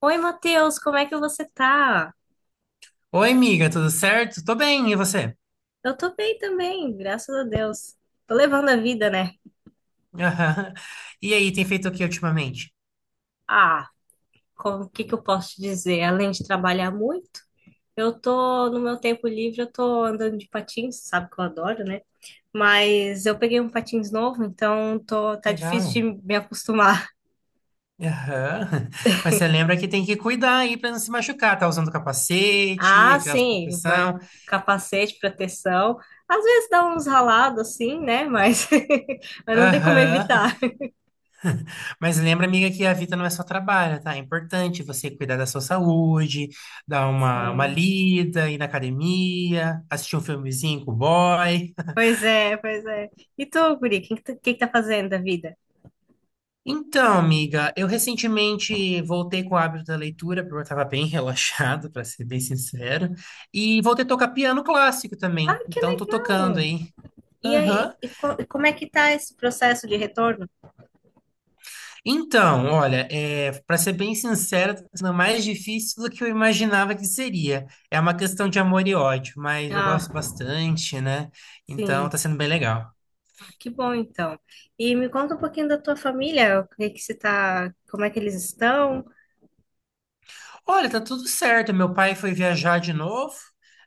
Oi, Matheus, como é que você tá? Oi, amiga, tudo certo? Tô bem, e você? Eu tô bem também, graças a Deus. Tô levando a vida, né? Aham. E aí, tem feito o que ultimamente? Ah, o que que eu posso te dizer? Além de trabalhar muito, no meu tempo livre, eu tô andando de patins, sabe que eu adoro, né? Mas eu peguei um patins novo, então tá Legal. difícil de me acostumar. Aham. Mas você lembra que tem que cuidar aí pra não se machucar, tá usando capacete, Ah, aquelas sim, vai proteção. capacete, proteção. Às vezes dá uns ralados assim, né? Mas, mas não tem como Aham. evitar. Mas lembra, amiga, que a vida não é só trabalho, tá? É importante você cuidar da sua saúde, dar uma Sim. lida, ir na academia, assistir um filmezinho com o boy. Pois é, pois é. E tu, guri, o que, que, tu- que tá fazendo da vida? Então, amiga, eu recentemente voltei com o hábito da leitura, porque eu estava bem relaxado, para ser bem sincero, e voltei a tocar piano clássico Ah, também, que então tô tocando legal! aí. E aí, Aham. E como é que tá esse processo de retorno? Então, olha, é, para ser bem sincero, tá sendo mais difícil do que eu imaginava que seria. É uma questão de amor e ódio, mas eu gosto Ah, bastante, né? Então sim. tá sendo bem legal. Ah, que bom, então. E me conta um pouquinho da tua família, o que que você tá, como é que eles estão? Olha, tá tudo certo. Meu pai foi viajar de novo.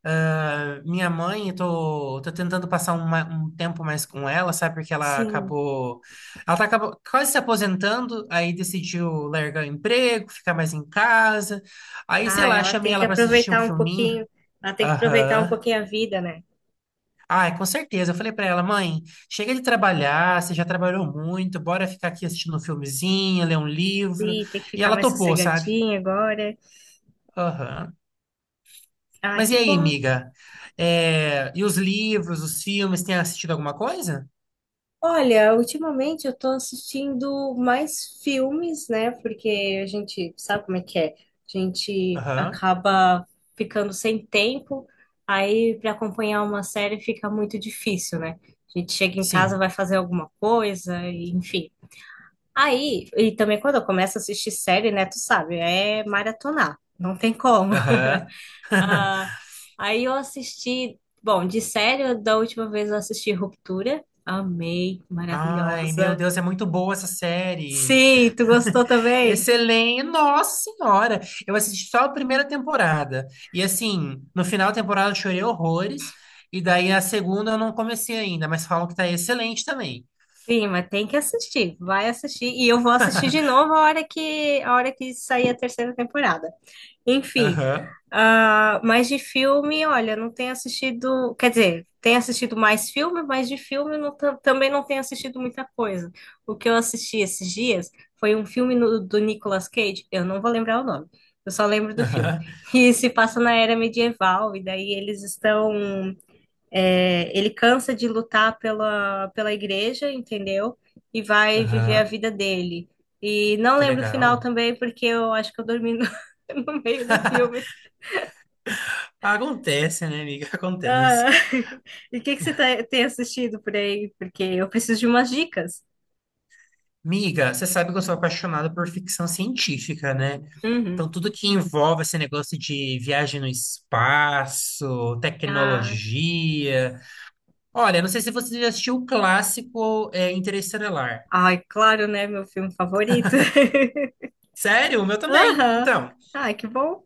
Ah, minha mãe, eu tô tentando passar um, um tempo mais com ela, sabe? Porque ela Sim. acabou. Ela tá acabou, quase se aposentando, aí decidiu largar o emprego, ficar mais em casa. Aí, sei Ah, lá, ela chamei tem que ela pra assistir um aproveitar um filminho. pouquinho, ela tem que aproveitar um Aham. pouquinho a vida, né? Ai, com certeza. Eu falei pra ela, mãe, chega de trabalhar, você já trabalhou muito, bora ficar aqui assistindo um filmezinho, ler um livro. Sim, tem que E ficar ela mais topou, sabe? sossegadinha agora. Aham. Ah, Mas e que aí, bom. amiga? É, e os livros, os filmes, tem assistido alguma coisa? Olha, ultimamente eu tô assistindo mais filmes, né? Porque a gente sabe como é que é. A gente Aham, acaba ficando sem tempo, aí para acompanhar uma série fica muito difícil, né? A gente chega em casa, sim. vai fazer alguma coisa, e, enfim. Aí, e também quando eu começo a assistir série, né? Tu sabe, é maratonar, não tem como. Aham. Ah, bom, de série, da última vez eu assisti Ruptura. Amei, Ai, meu maravilhosa. Deus, é muito boa essa série. Sim, tu gostou também? Excelente, nossa senhora. Eu assisti só a primeira temporada. E assim, no final da temporada eu chorei horrores. E daí a segunda eu não comecei ainda, mas falam que tá excelente também. Sim, mas tem que assistir, vai assistir. E eu vou assistir de novo a hora que sair a terceira temporada. Enfim, Aham, ah, mas de filme, olha, não tenho assistido. Quer dizer, tenho assistido mais filme, mas de filme não também não tenho assistido muita coisa. O que eu assisti esses dias foi um filme do Nicolas Cage, eu não vou lembrar o nome, eu só lembro do filme. aham, E se passa na era medieval, e daí eles estão É, ele cansa de lutar pela igreja, entendeu? E vai viver a aham. vida dele. E não Que lembro o final legal. também, porque eu acho que eu dormi no, no meio do filme. Acontece, né, amiga? Acontece. Ah, e o que que você tem assistido por aí? Porque eu preciso de umas dicas. Miga, você sabe que eu sou apaixonado por ficção científica, né? Então, Uhum. tudo que envolve esse negócio de viagem no espaço, Ah, tecnologia. Olha, não sei se você já assistiu o clássico Interestelar. ai, claro, né? Meu filme favorito. Sério? O meu também. Aham. Então, Ai, que bom.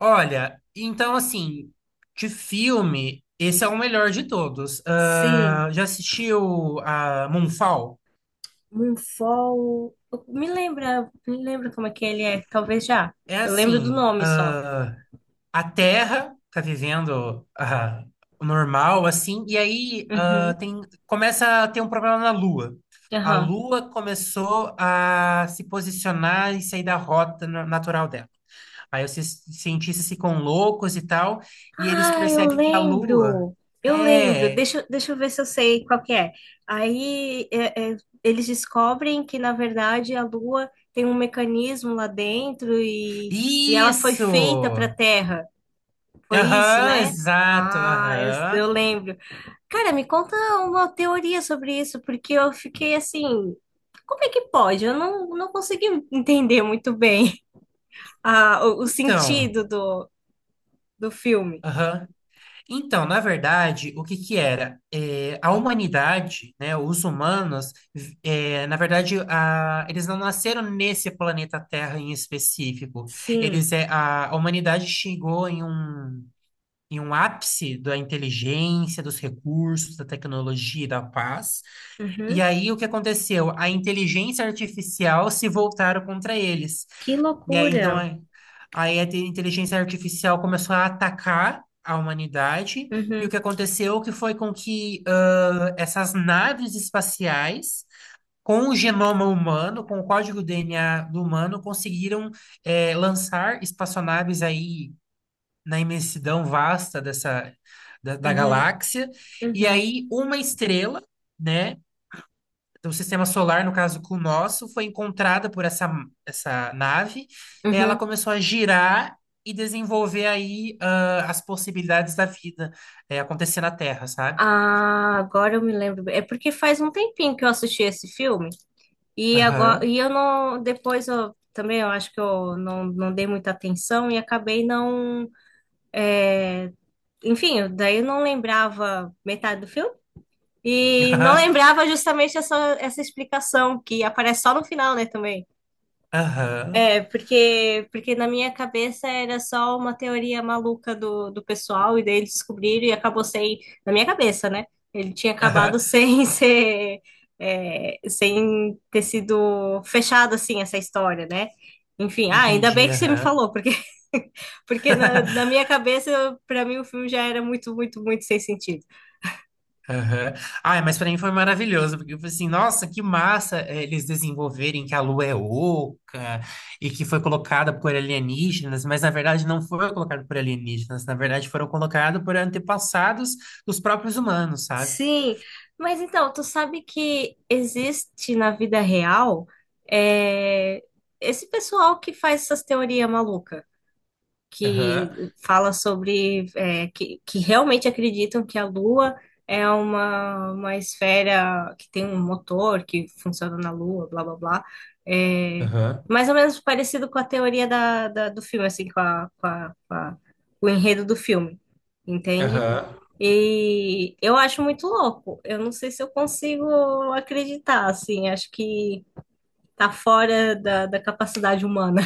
olha, então assim, de filme, esse é o melhor de todos. Ah, Sim, já assistiu a Moonfall? Moonfall. Me lembra como é que ele é? Talvez já. É Eu lembro do assim, nome só. A Terra tá vivendo o normal, assim, e aí Uhum. Começa a ter um problema na Lua. A Aham. Lua começou a se posicionar e sair da rota natural dela. Aí os cientistas ficam loucos e tal, e eles Ah, eu percebem que a Lua lembro. Eu lembro. é Deixa eu ver se eu sei qual que é. Aí eles descobrem que, na verdade, a Lua tem um mecanismo lá dentro e ela foi feita para isso! a Terra. Foi isso, Aham, né? exato, Ah, eu, aham. eu lembro. Cara, me conta uma teoria sobre isso, porque eu fiquei assim. Como é que pode? Eu não consegui entender muito bem o Então, sentido do filme. aham. Então, na verdade, o que que era? É, a humanidade, né, os humanos, é, na verdade, eles não nasceram nesse planeta Terra em específico. Sim. Eles, é, a humanidade chegou em um ápice da inteligência, dos recursos, da tecnologia e da paz. E Uhum. aí, o que aconteceu? A inteligência artificial se voltaram contra eles. Que E aí, então, loucura. aí a inteligência artificial começou a atacar a humanidade, e o Uhum, que aconteceu que foi com que essas naves espaciais, com o genoma humano, com o código DNA do humano, conseguiram lançar espaçonaves aí na imensidão vasta dessa, da uhum, galáxia, e uhum, aí uma estrela, né? Do sistema solar, no caso com o nosso, foi encontrada por essa nave, e aí ela uhum. começou a girar e desenvolver aí as possibilidades da vida acontecer na Terra, sabe? Ah, agora eu me lembro bem. É porque faz um tempinho que eu assisti esse filme e agora Aham, e eu não depois eu também eu acho que eu não dei muita atenção e acabei não, enfim, daí eu não lembrava metade do filme e não aham, lembrava justamente essa explicação que aparece só no final, né, também. aham, É, porque na minha cabeça era só uma teoria maluca do pessoal, e daí eles descobriram e acabou sem. Na minha cabeça, né? Ele tinha acabado aham, sem ser. É, sem ter sido fechado assim essa história, né? Enfim, ah, ainda entendi, bem que você me aham. falou, porque, porque na, na minha cabeça, para mim, o filme já era muito, muito, muito sem sentido. Aham. Ai, mas pra mim foi maravilhoso, porque eu falei assim, nossa, que massa eles desenvolverem que a Lua é oca e que foi colocada por alienígenas, mas na verdade não foi colocada por alienígenas, na verdade foram colocados por antepassados dos próprios humanos, sabe? Sim, mas então, tu sabe que existe na vida real é, esse pessoal que faz essas teorias malucas Aham, que fala sobre que realmente acreditam que a Lua é uma esfera que tem um motor que funciona na Lua, blá blá blá. É, aham, mais ou menos parecido com a teoria do filme, assim, o enredo do filme, entende? aham. E eu acho muito louco. Eu não sei se eu consigo acreditar, assim, acho que tá fora da capacidade humana.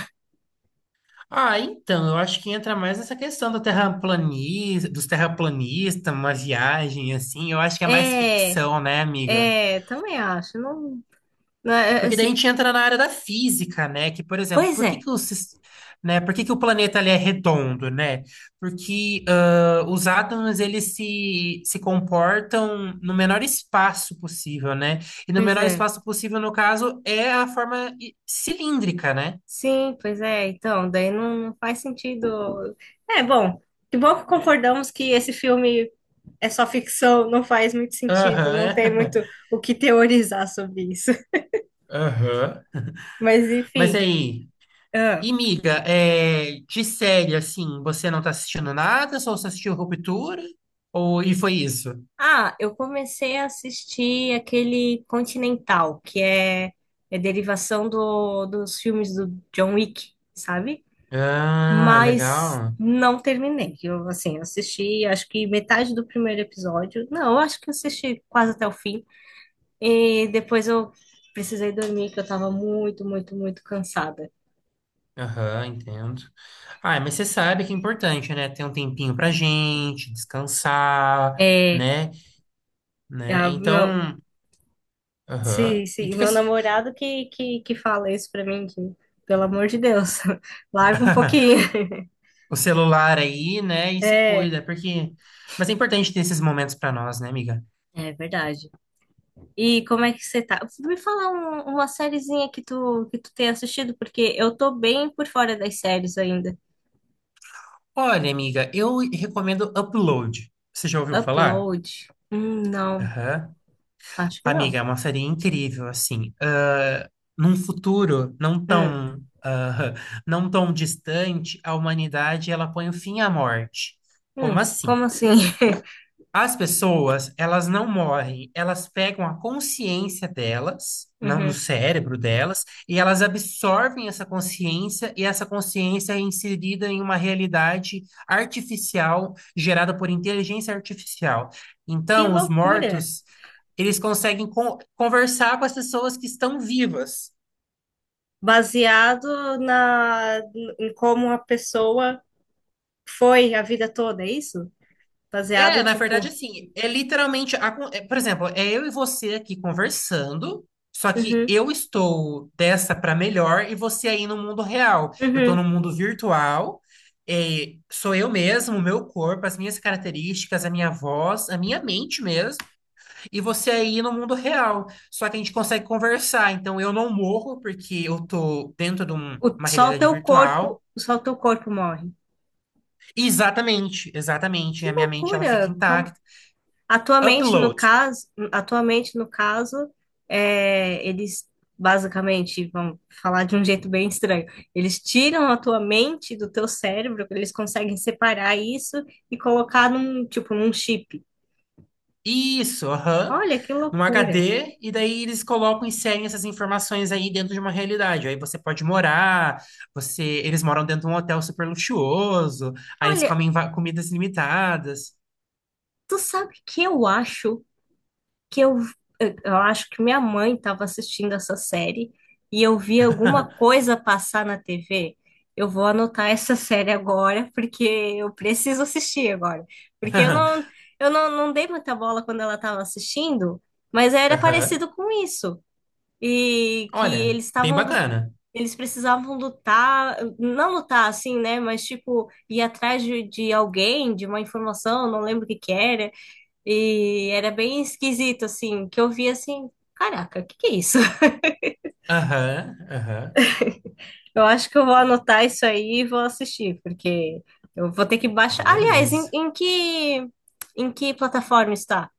Ah, então, eu acho que entra mais essa questão do terraplanista, dos terraplanistas, uma viagem assim, eu acho que é mais É, ficção, né, amiga? é, também acho. Não, não, Porque daí a gente entra na área da física, né? Que, por exemplo, pois por é, que que o, né? Por que que o planeta ele é redondo, né? Porque os átomos eles se comportam no menor espaço possível, né? E no pois menor é. espaço possível, no caso, é a forma cilíndrica, né? Sim, pois é. Então, daí não faz sentido. É, bom que concordamos que esse filme é só ficção, não faz muito sentido, não tem Aham, muito o que teorizar sobre isso. aham. Mas, Mas enfim. aí, Ah, e miga, é, de série, assim, você não tá assistindo nada? Só assistiu Ruptura? Ou, e foi isso? Eu comecei a assistir aquele Continental, que é derivação dos filmes do John Wick, sabe? Ah, Mas legal. não terminei. Eu, assim, assisti acho que metade do primeiro episódio. Não, eu acho que eu assisti quase até o fim. E depois eu precisei dormir, que eu tava muito, muito, muito cansada. Aham, entendo. Ah, mas você sabe que é importante, né? Ter um tempinho pra gente, descansar, É, né? Né? a- meu, Então, aham. se, E fica meu assim, namorado que fala isso pra mim, que, pelo amor de Deus, larga um pouquinho. o celular aí, né? E se É. cuida, porque... Mas é importante ter esses momentos pra nós, né, amiga? É verdade. E como é que você tá? Me fala uma sériezinha que tu tem assistido, porque eu tô bem por fora das séries ainda. Olha, amiga, eu recomendo Upload. Você já ouviu falar? Upload? Não, Aham. acho que Amiga, não. é uma série incrível, assim. Ah, num futuro não Hum, tão, ah, não tão distante, a humanidade ela põe o fim à morte. Como assim? como assim? As pessoas, elas não morrem, elas pegam a consciência delas, no Uhum. cérebro delas, e elas absorvem essa consciência, e essa consciência é inserida em uma realidade artificial, gerada por inteligência artificial. Que Então, os loucura! mortos, eles conseguem conversar com as pessoas que estão vivas. Baseado em como a pessoa foi a vida toda, é isso? Baseado, É, na verdade, tipo, assim, é literalmente, é, por exemplo, é eu e você aqui conversando, só que uhum, eu estou dessa para melhor e você aí no mundo real. Eu estou uhum. no mundo virtual, é, sou eu mesmo, o meu corpo, as minhas características, a minha voz, a minha mente mesmo, e você aí no mundo real. Só que a gente consegue conversar, então eu não morro porque eu estou dentro de O, uma só o realidade teu corpo, virtual. só o teu corpo morre. Exatamente, exatamente, Que a minha mente ela fica loucura! Intacta. Atualmente, no Upload. caso, eles basicamente, vamos falar de um jeito bem estranho, eles tiram a tua mente do teu cérebro, eles conseguem separar isso e colocar num, tipo, num chip. Isso, aham. Olha que Num loucura. HD, e daí eles colocam, inserem essas informações aí dentro de uma realidade. Aí você pode morar, você, eles moram dentro de um hotel super luxuoso, aí eles Olha, comem comidas limitadas. tu sabe que que eu, eu acho que minha mãe estava assistindo essa série e eu vi alguma coisa passar na TV. Eu vou anotar essa série agora, porque eu preciso assistir agora. Porque eu não, eu não, não dei muita bola quando ela estava assistindo, mas era Aham. parecido com isso. E que Olha, eles bem estavam, bacana. eles precisavam lutar, não lutar assim, né? Mas tipo, ir atrás de alguém, de uma informação, não lembro o que que era. E era bem esquisito, assim, que eu vi assim, caraca, o que que é isso? Aham, aham. Eu acho que eu vou anotar isso aí e vou assistir, porque eu vou ter que baixar. Aliás, em, Beleza. em que em que plataforma está?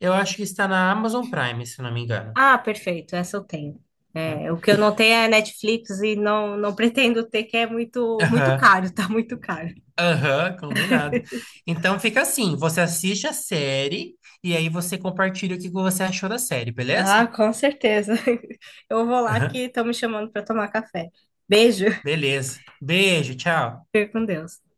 Eu acho que está na Amazon Prime, se não me engano. Ah, perfeito, essa eu tenho. Hum? É, o que eu não tenho é Netflix e não pretendo ter, que é muito, muito Aham. caro, tá muito caro. Aham, combinado. Então fica assim, você assiste a série e aí você compartilha o que você achou da série, beleza? Ah, com certeza. Eu vou lá Aham, que estão me chamando para tomar café. Beijo, beleza. Beijo, tchau. fique com Deus.